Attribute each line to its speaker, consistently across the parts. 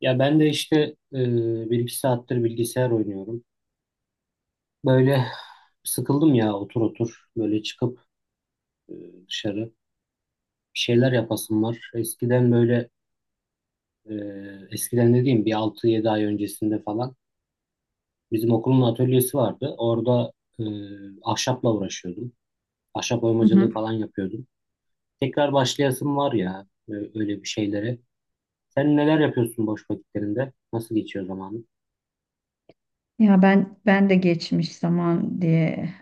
Speaker 1: Ya ben de işte e, bir iki saattir bilgisayar oynuyorum. Böyle sıkıldım ya otur otur böyle çıkıp dışarı bir şeyler yapasım var. Eskiden böyle e, eskiden dediğim bir 6-7 ay öncesinde falan bizim okulun atölyesi vardı. Orada e, ahşapla uğraşıyordum. Ahşap
Speaker 2: Hı hı.
Speaker 1: oymacılığı falan yapıyordum. Tekrar başlayasım var ya öyle bir şeylere. Sen neler yapıyorsun boş vakitlerinde? Nasıl geçiyor zamanın?
Speaker 2: Ya ben de geçmiş zaman diye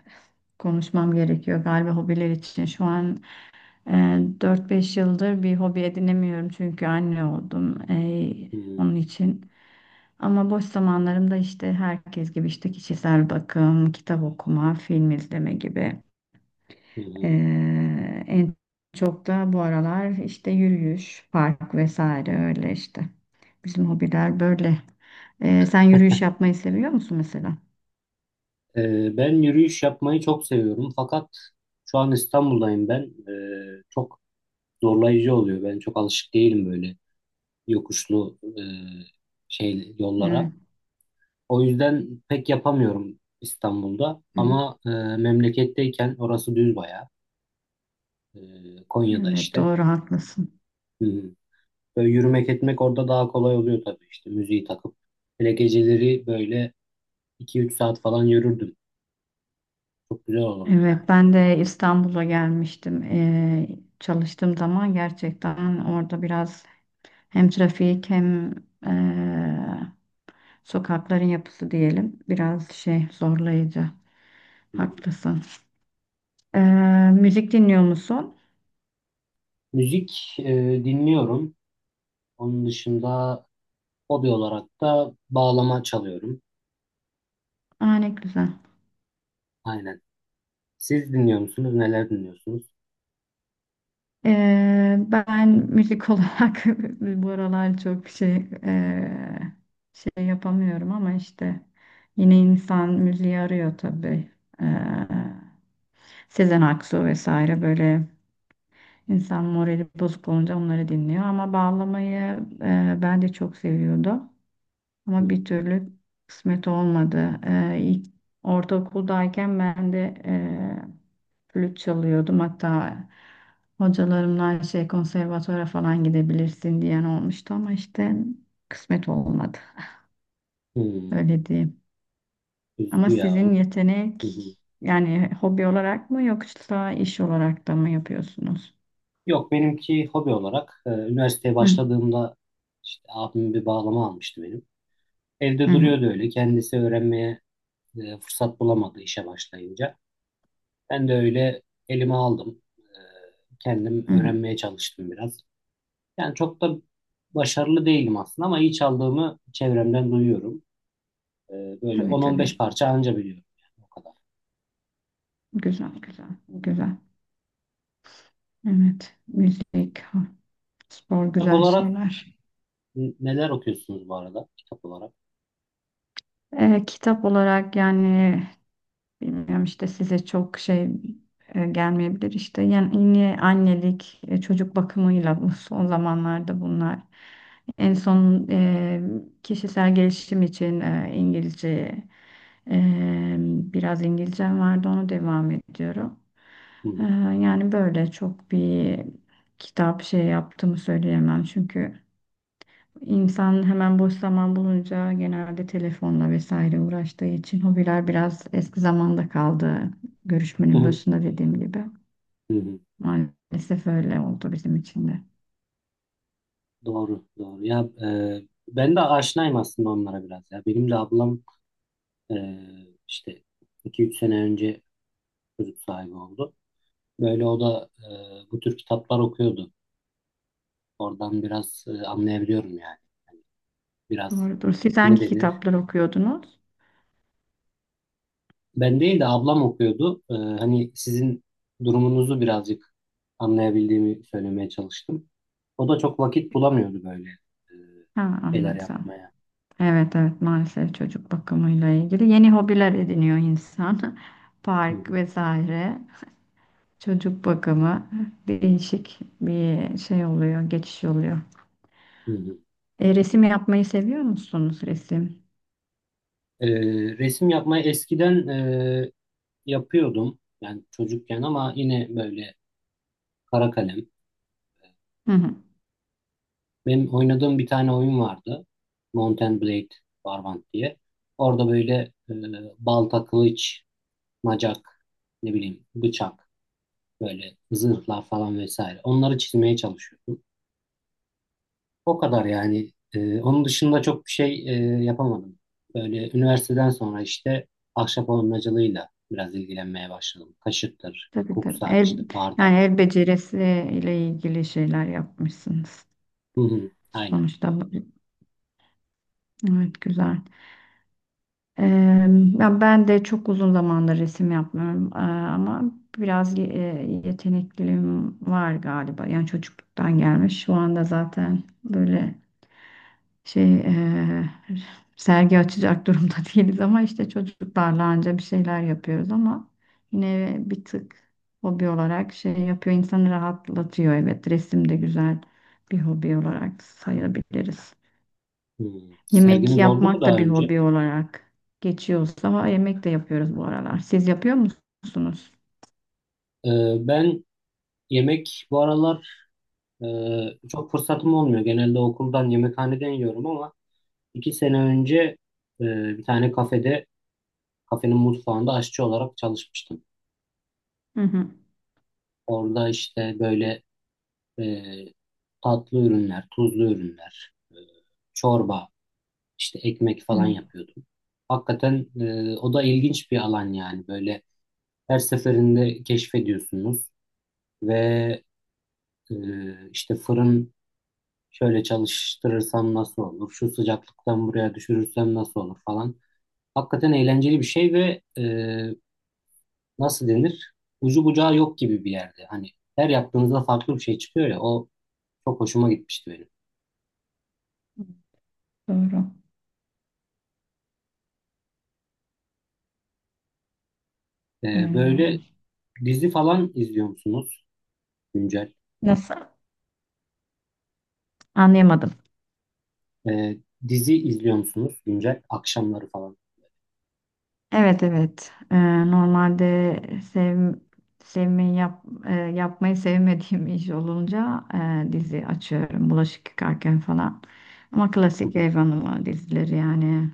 Speaker 2: konuşmam gerekiyor galiba hobiler için. Şu an e, 4-5 yıldır bir hobi edinemiyorum çünkü anne oldum.
Speaker 1: Hmm,
Speaker 2: Onun için. Ama boş zamanlarımda işte herkes gibi işte kişisel bakım, kitap okuma, film izleme gibi.
Speaker 1: hı
Speaker 2: E,
Speaker 1: hı.
Speaker 2: En çok da bu aralar işte yürüyüş, park vesaire öyle işte. Bizim hobiler böyle. Sen yürüyüş yapmayı seviyor musun mesela?
Speaker 1: Ben yürüyüş yapmayı çok seviyorum fakat şu an İstanbul'dayım ben. Çok zorlayıcı oluyor. Ben çok alışık değilim böyle yokuşlu şey yollara.
Speaker 2: Evet,
Speaker 1: O yüzden pek yapamıyorum İstanbul'da
Speaker 2: hı hı.
Speaker 1: ama memleketteyken orası düz bayağı. Konya'da
Speaker 2: Evet,
Speaker 1: işte.
Speaker 2: doğru, haklısın.
Speaker 1: Hı hı. Böyle yürümek etmek orada daha kolay oluyor tabii işte müziği takıp. Hele geceleri böyle 2-3 saat falan yürürdüm. Çok güzel olurdu yani.
Speaker 2: Evet, ben de İstanbul'a gelmiştim. Çalıştığım zaman gerçekten orada biraz hem trafik hem eee, sokakların yapısı diyelim biraz şey zorlayıcı.
Speaker 1: Hı hı.
Speaker 2: Haklısın. Ee, Müzik dinliyor musun?
Speaker 1: Müzik dinliyorum. Onun dışında hobi olarak da bağlama çalıyorum.
Speaker 2: Aa, ne güzel.
Speaker 1: Aynen. Siz dinliyor musunuz? Neler dinliyorsunuz?
Speaker 2: Ben müzik olarak bu aralar çok şey eee, şey yapamıyorum ama işte yine insan müziği arıyor tabii. Ee, Sezen Aksu vesaire böyle insan morali bozuk olunca onları dinliyor ama bağlamayı ben de çok seviyordum.
Speaker 1: Hı.
Speaker 2: Ama bir türlü kısmet olmadı. İlk ortaokuldayken ben de flüt çalıyordum. Hatta hocalarımdan şey konservatuvara falan gidebilirsin diyen olmuştu ama işte kısmet olmadı.
Speaker 1: Hmm,
Speaker 2: Öyle diyeyim. Ama
Speaker 1: üzücü ya.
Speaker 2: sizin
Speaker 1: Hı
Speaker 2: yetenek
Speaker 1: hı.
Speaker 2: yani hobi olarak mı yoksa iş olarak da mı yapıyorsunuz?
Speaker 1: Yok benimki hobi olarak üniversiteye
Speaker 2: Hı
Speaker 1: başladığımda işte abim bir bağlama almıştı benim. Evde
Speaker 2: hı hı.
Speaker 1: duruyordu öyle. Kendisi öğrenmeye fırsat bulamadı işe başlayınca. Ben de öyle elime aldım. Kendim
Speaker 2: Hı.
Speaker 1: öğrenmeye çalıştım biraz. Yani çok da başarılı değilim aslında ama iyi çaldığımı çevremden duyuyorum. E, böyle
Speaker 2: Tabii tabii.
Speaker 1: 10-15 parça anca biliyorum yani o kadar.
Speaker 2: Güzel güzel güzel. Evet. Müzik, spor
Speaker 1: Kitap
Speaker 2: güzel
Speaker 1: olarak
Speaker 2: şeyler.
Speaker 1: neler okuyorsunuz bu arada? Kitap olarak.
Speaker 2: Kitap olarak yani bilmiyorum işte size çok şey gelmeyebilir işte yani yeni annelik, çocuk bakımıyla bu son zamanlarda bunlar en son kişisel gelişim için İngilizce biraz İngilizcem vardı, onu devam ediyorum.
Speaker 1: Hı
Speaker 2: E,
Speaker 1: hı.
Speaker 2: Yani böyle çok bir kitap şey yaptığımı söyleyemem çünkü. İnsan hemen boş zaman bulunca genelde telefonla vesaire uğraştığı için hobiler biraz eski zamanda kaldı.
Speaker 1: Hı
Speaker 2: Görüşmenin
Speaker 1: hı.
Speaker 2: başında dediğim gibi.
Speaker 1: Hı hı.
Speaker 2: Maalesef öyle oldu bizim için de.
Speaker 1: Doğru, doğru. Ya e, ben de aşinayım aslında onlara biraz ya. Benim de ablam e, işte 2-3 sene önce çocuk sahibi oldu. Böyle o da bu tür kitaplar okuyordu. Oradan biraz anlayabiliyorum yani. Biraz
Speaker 2: Doğrudur. Siz
Speaker 1: ne
Speaker 2: hangi
Speaker 1: denir?
Speaker 2: kitaplar okuyordunuz?
Speaker 1: Ben değil de ablam okuyordu. Hani sizin durumunuzu birazcık anlayabildiğimi söylemeye çalıştım. O da çok vakit bulamıyordu böyle
Speaker 2: Ha,
Speaker 1: şeyler
Speaker 2: anlatsam.
Speaker 1: yapmaya.
Speaker 2: Evet, evet, maalesef çocuk bakımıyla ilgili yeni hobiler ediniyor insan.
Speaker 1: Hı
Speaker 2: Park
Speaker 1: hı,
Speaker 2: vesaire. Çocuk bakımı değişik bir şey oluyor, geçiş oluyor.
Speaker 1: hı hı.
Speaker 2: Resim yapmayı seviyor musunuz, resim?
Speaker 1: Resim yapmayı eskiden yapıyordum. Yani çocukken ama yine böyle kara kalem.
Speaker 2: Hı hı.
Speaker 1: Benim oynadığım bir tane oyun vardı. Mount and Blade Barbant diye. Orada böyle e, balta, kılıç, macak, ne bileyim bıçak. Böyle zırhlar falan vesaire. Onları çizmeye çalışıyordum. O kadar yani. Onun dışında çok bir şey yapamadım. Böyle üniversiteden sonra işte ahşap oyamacılığıyla biraz ilgilenmeye başladım. Kaşıktır,
Speaker 2: Tabii tabii.
Speaker 1: kuksa, işte
Speaker 2: El, yani
Speaker 1: bardak.
Speaker 2: el becerisi ile ilgili şeyler yapmışsınız.
Speaker 1: Hı hı, aynen.
Speaker 2: Sonuçta evet, güzel. Ee, Ya ben de çok uzun zamandır resim yapmıyorum. Ama biraz yetenekliliğim var galiba. Yani çocukluktan gelmiş. Şu anda zaten böyle şey sergi açacak durumda değiliz ama işte çocuklarla anca bir şeyler yapıyoruz ama yine bir tık hobi olarak şey yapıyor, insanı rahatlatıyor. Evet, resim de güzel bir hobi olarak sayabiliriz.
Speaker 1: Hı.
Speaker 2: Yemek
Speaker 1: Serginiz oldu mu
Speaker 2: yapmak
Speaker 1: daha
Speaker 2: da bir
Speaker 1: önce?
Speaker 2: hobi olarak geçiyorsa ha, yemek de yapıyoruz bu aralar. Siz yapıyor musunuz?
Speaker 1: Ee, ben yemek bu aralar e, çok fırsatım olmuyor. Genelde okuldan, yemekhaneden yiyorum ama 2 sene önce e, bir tane kafede, kafenin mutfağında aşçı olarak çalışmıştım.
Speaker 2: Hı hı.
Speaker 1: Orada işte böyle e, tatlı ürünler, tuzlu ürünler, çorba, işte ekmek falan
Speaker 2: Evet,
Speaker 1: yapıyordum. Hakikaten o da ilginç bir alan yani böyle her seferinde keşfediyorsunuz ve işte fırın şöyle çalıştırırsam nasıl olur, şu sıcaklıktan buraya düşürürsem nasıl olur falan. Hakikaten eğlenceli bir şey ve nasıl denir? Ucu bucağı yok gibi bir yerde. Hani her yaptığınızda farklı bir şey çıkıyor ya o çok hoşuma gitmişti benim.
Speaker 2: doğru.
Speaker 1: Böyle
Speaker 2: Eee,
Speaker 1: dizi falan izliyor musunuz güncel?
Speaker 2: Nasıl? Anlayamadım.
Speaker 1: Ee, dizi izliyor musunuz güncel? Akşamları falan.
Speaker 2: Evet, evet. Normalde sev, sevmeyi yapmayı sevmediğim iş olunca dizi açıyorum. Bulaşık yıkarken falan. Ama
Speaker 1: Hı
Speaker 2: klasik
Speaker 1: hı.
Speaker 2: ev hanımı dizileri yani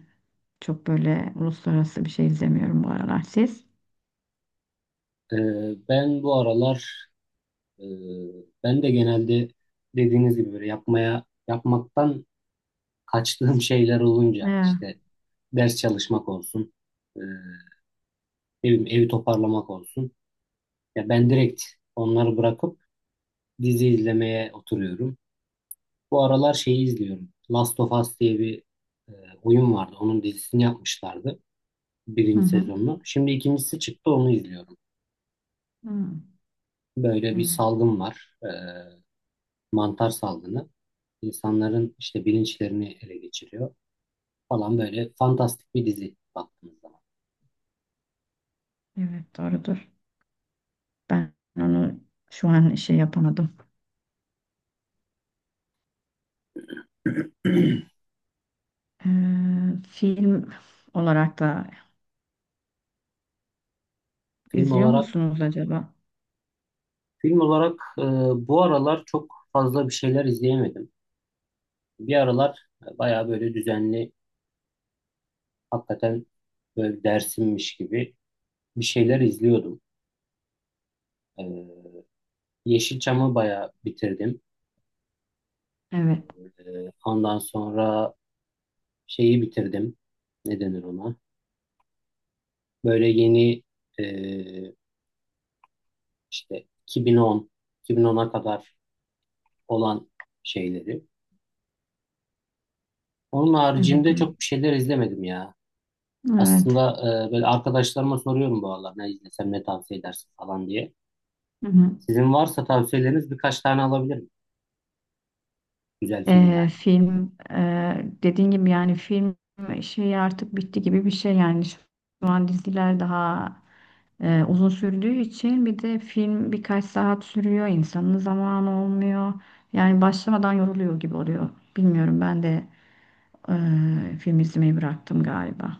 Speaker 2: çok böyle uluslararası bir şey izlemiyorum bu aralar. Siz?
Speaker 1: Ben bu aralar e, ben de genelde dediğiniz gibi böyle yapmaktan kaçtığım şeyler olunca
Speaker 2: Ee,
Speaker 1: işte ders çalışmak olsun, ne bileyim, evi toparlamak olsun. Ya ben direkt onları bırakıp dizi izlemeye oturuyorum. Bu aralar şeyi izliyorum. Last of Us diye bir e, oyun vardı. Onun dizisini yapmışlardı.
Speaker 2: hı
Speaker 1: Birinci
Speaker 2: hı.
Speaker 1: sezonunu. Şimdi ikincisi çıktı onu izliyorum.
Speaker 2: Hı.
Speaker 1: Böyle bir
Speaker 2: Evet,
Speaker 1: salgın var. Mantar salgını. İnsanların işte bilinçlerini ele geçiriyor falan böyle fantastik bir dizi baktığınız zaman.
Speaker 2: evet, doğrudur. Ben onu şu an şey yapamadım. Ee, Film olarak da
Speaker 1: Film
Speaker 2: izliyor
Speaker 1: olarak
Speaker 2: musunuz acaba?
Speaker 1: film olarak bu aralar çok fazla bir şeyler izleyemedim. Bir aralar bayağı böyle düzenli hakikaten böyle dersimmiş gibi bir şeyler izliyordum. E, Yeşilçam'ı bayağı bitirdim.
Speaker 2: Evet,
Speaker 1: E, ondan sonra şeyi bitirdim. Ne denir ona? Böyle yeni e, işte 2010, 2010'a kadar olan şeyleri. Onun
Speaker 2: evet,
Speaker 1: haricinde
Speaker 2: evet.
Speaker 1: çok bir şeyler izlemedim ya.
Speaker 2: Evet.
Speaker 1: Aslında böyle arkadaşlarıma soruyorum bu aralar ne izlesem ne tavsiye edersin falan diye.
Speaker 2: Hı hı.
Speaker 1: Sizin varsa tavsiyeleriniz birkaç tane alabilirim. Güzel film yani.
Speaker 2: Film dediğin gibi yani film şeyi artık bitti gibi bir şey yani şu an diziler daha uzun sürdüğü için, bir de film birkaç saat sürüyor, insanın zamanı olmuyor yani başlamadan yoruluyor gibi oluyor. Bilmiyorum, ben de film izlemeyi bıraktım galiba.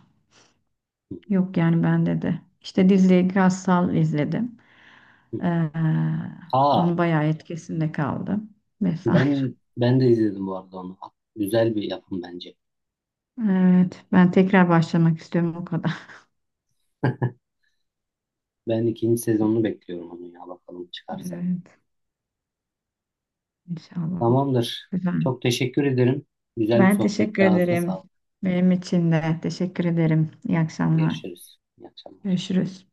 Speaker 1: Hı
Speaker 2: Yok yani bende de işte diziyi Gassal izledim.
Speaker 1: hı.
Speaker 2: Ee,
Speaker 1: Aa
Speaker 2: Onu bayağı etkisinde kaldım vesaire.
Speaker 1: ben de izledim bu arada onu. Güzel bir yapım bence.
Speaker 2: Evet, ben tekrar başlamak istiyorum o kadar.
Speaker 1: Ben ikinci sezonunu bekliyorum onun ya bakalım çıkarsa.
Speaker 2: Evet, inşallah.
Speaker 1: Tamamdır.
Speaker 2: Güzel.
Speaker 1: Çok teşekkür ederim. Güzel bir
Speaker 2: Ben teşekkür
Speaker 1: sohbetti. Ağzına
Speaker 2: ederim.
Speaker 1: sağlık.
Speaker 2: Benim için de teşekkür ederim. İyi akşamlar.
Speaker 1: Görüşürüz. İyi akşamlar.
Speaker 2: Görüşürüz.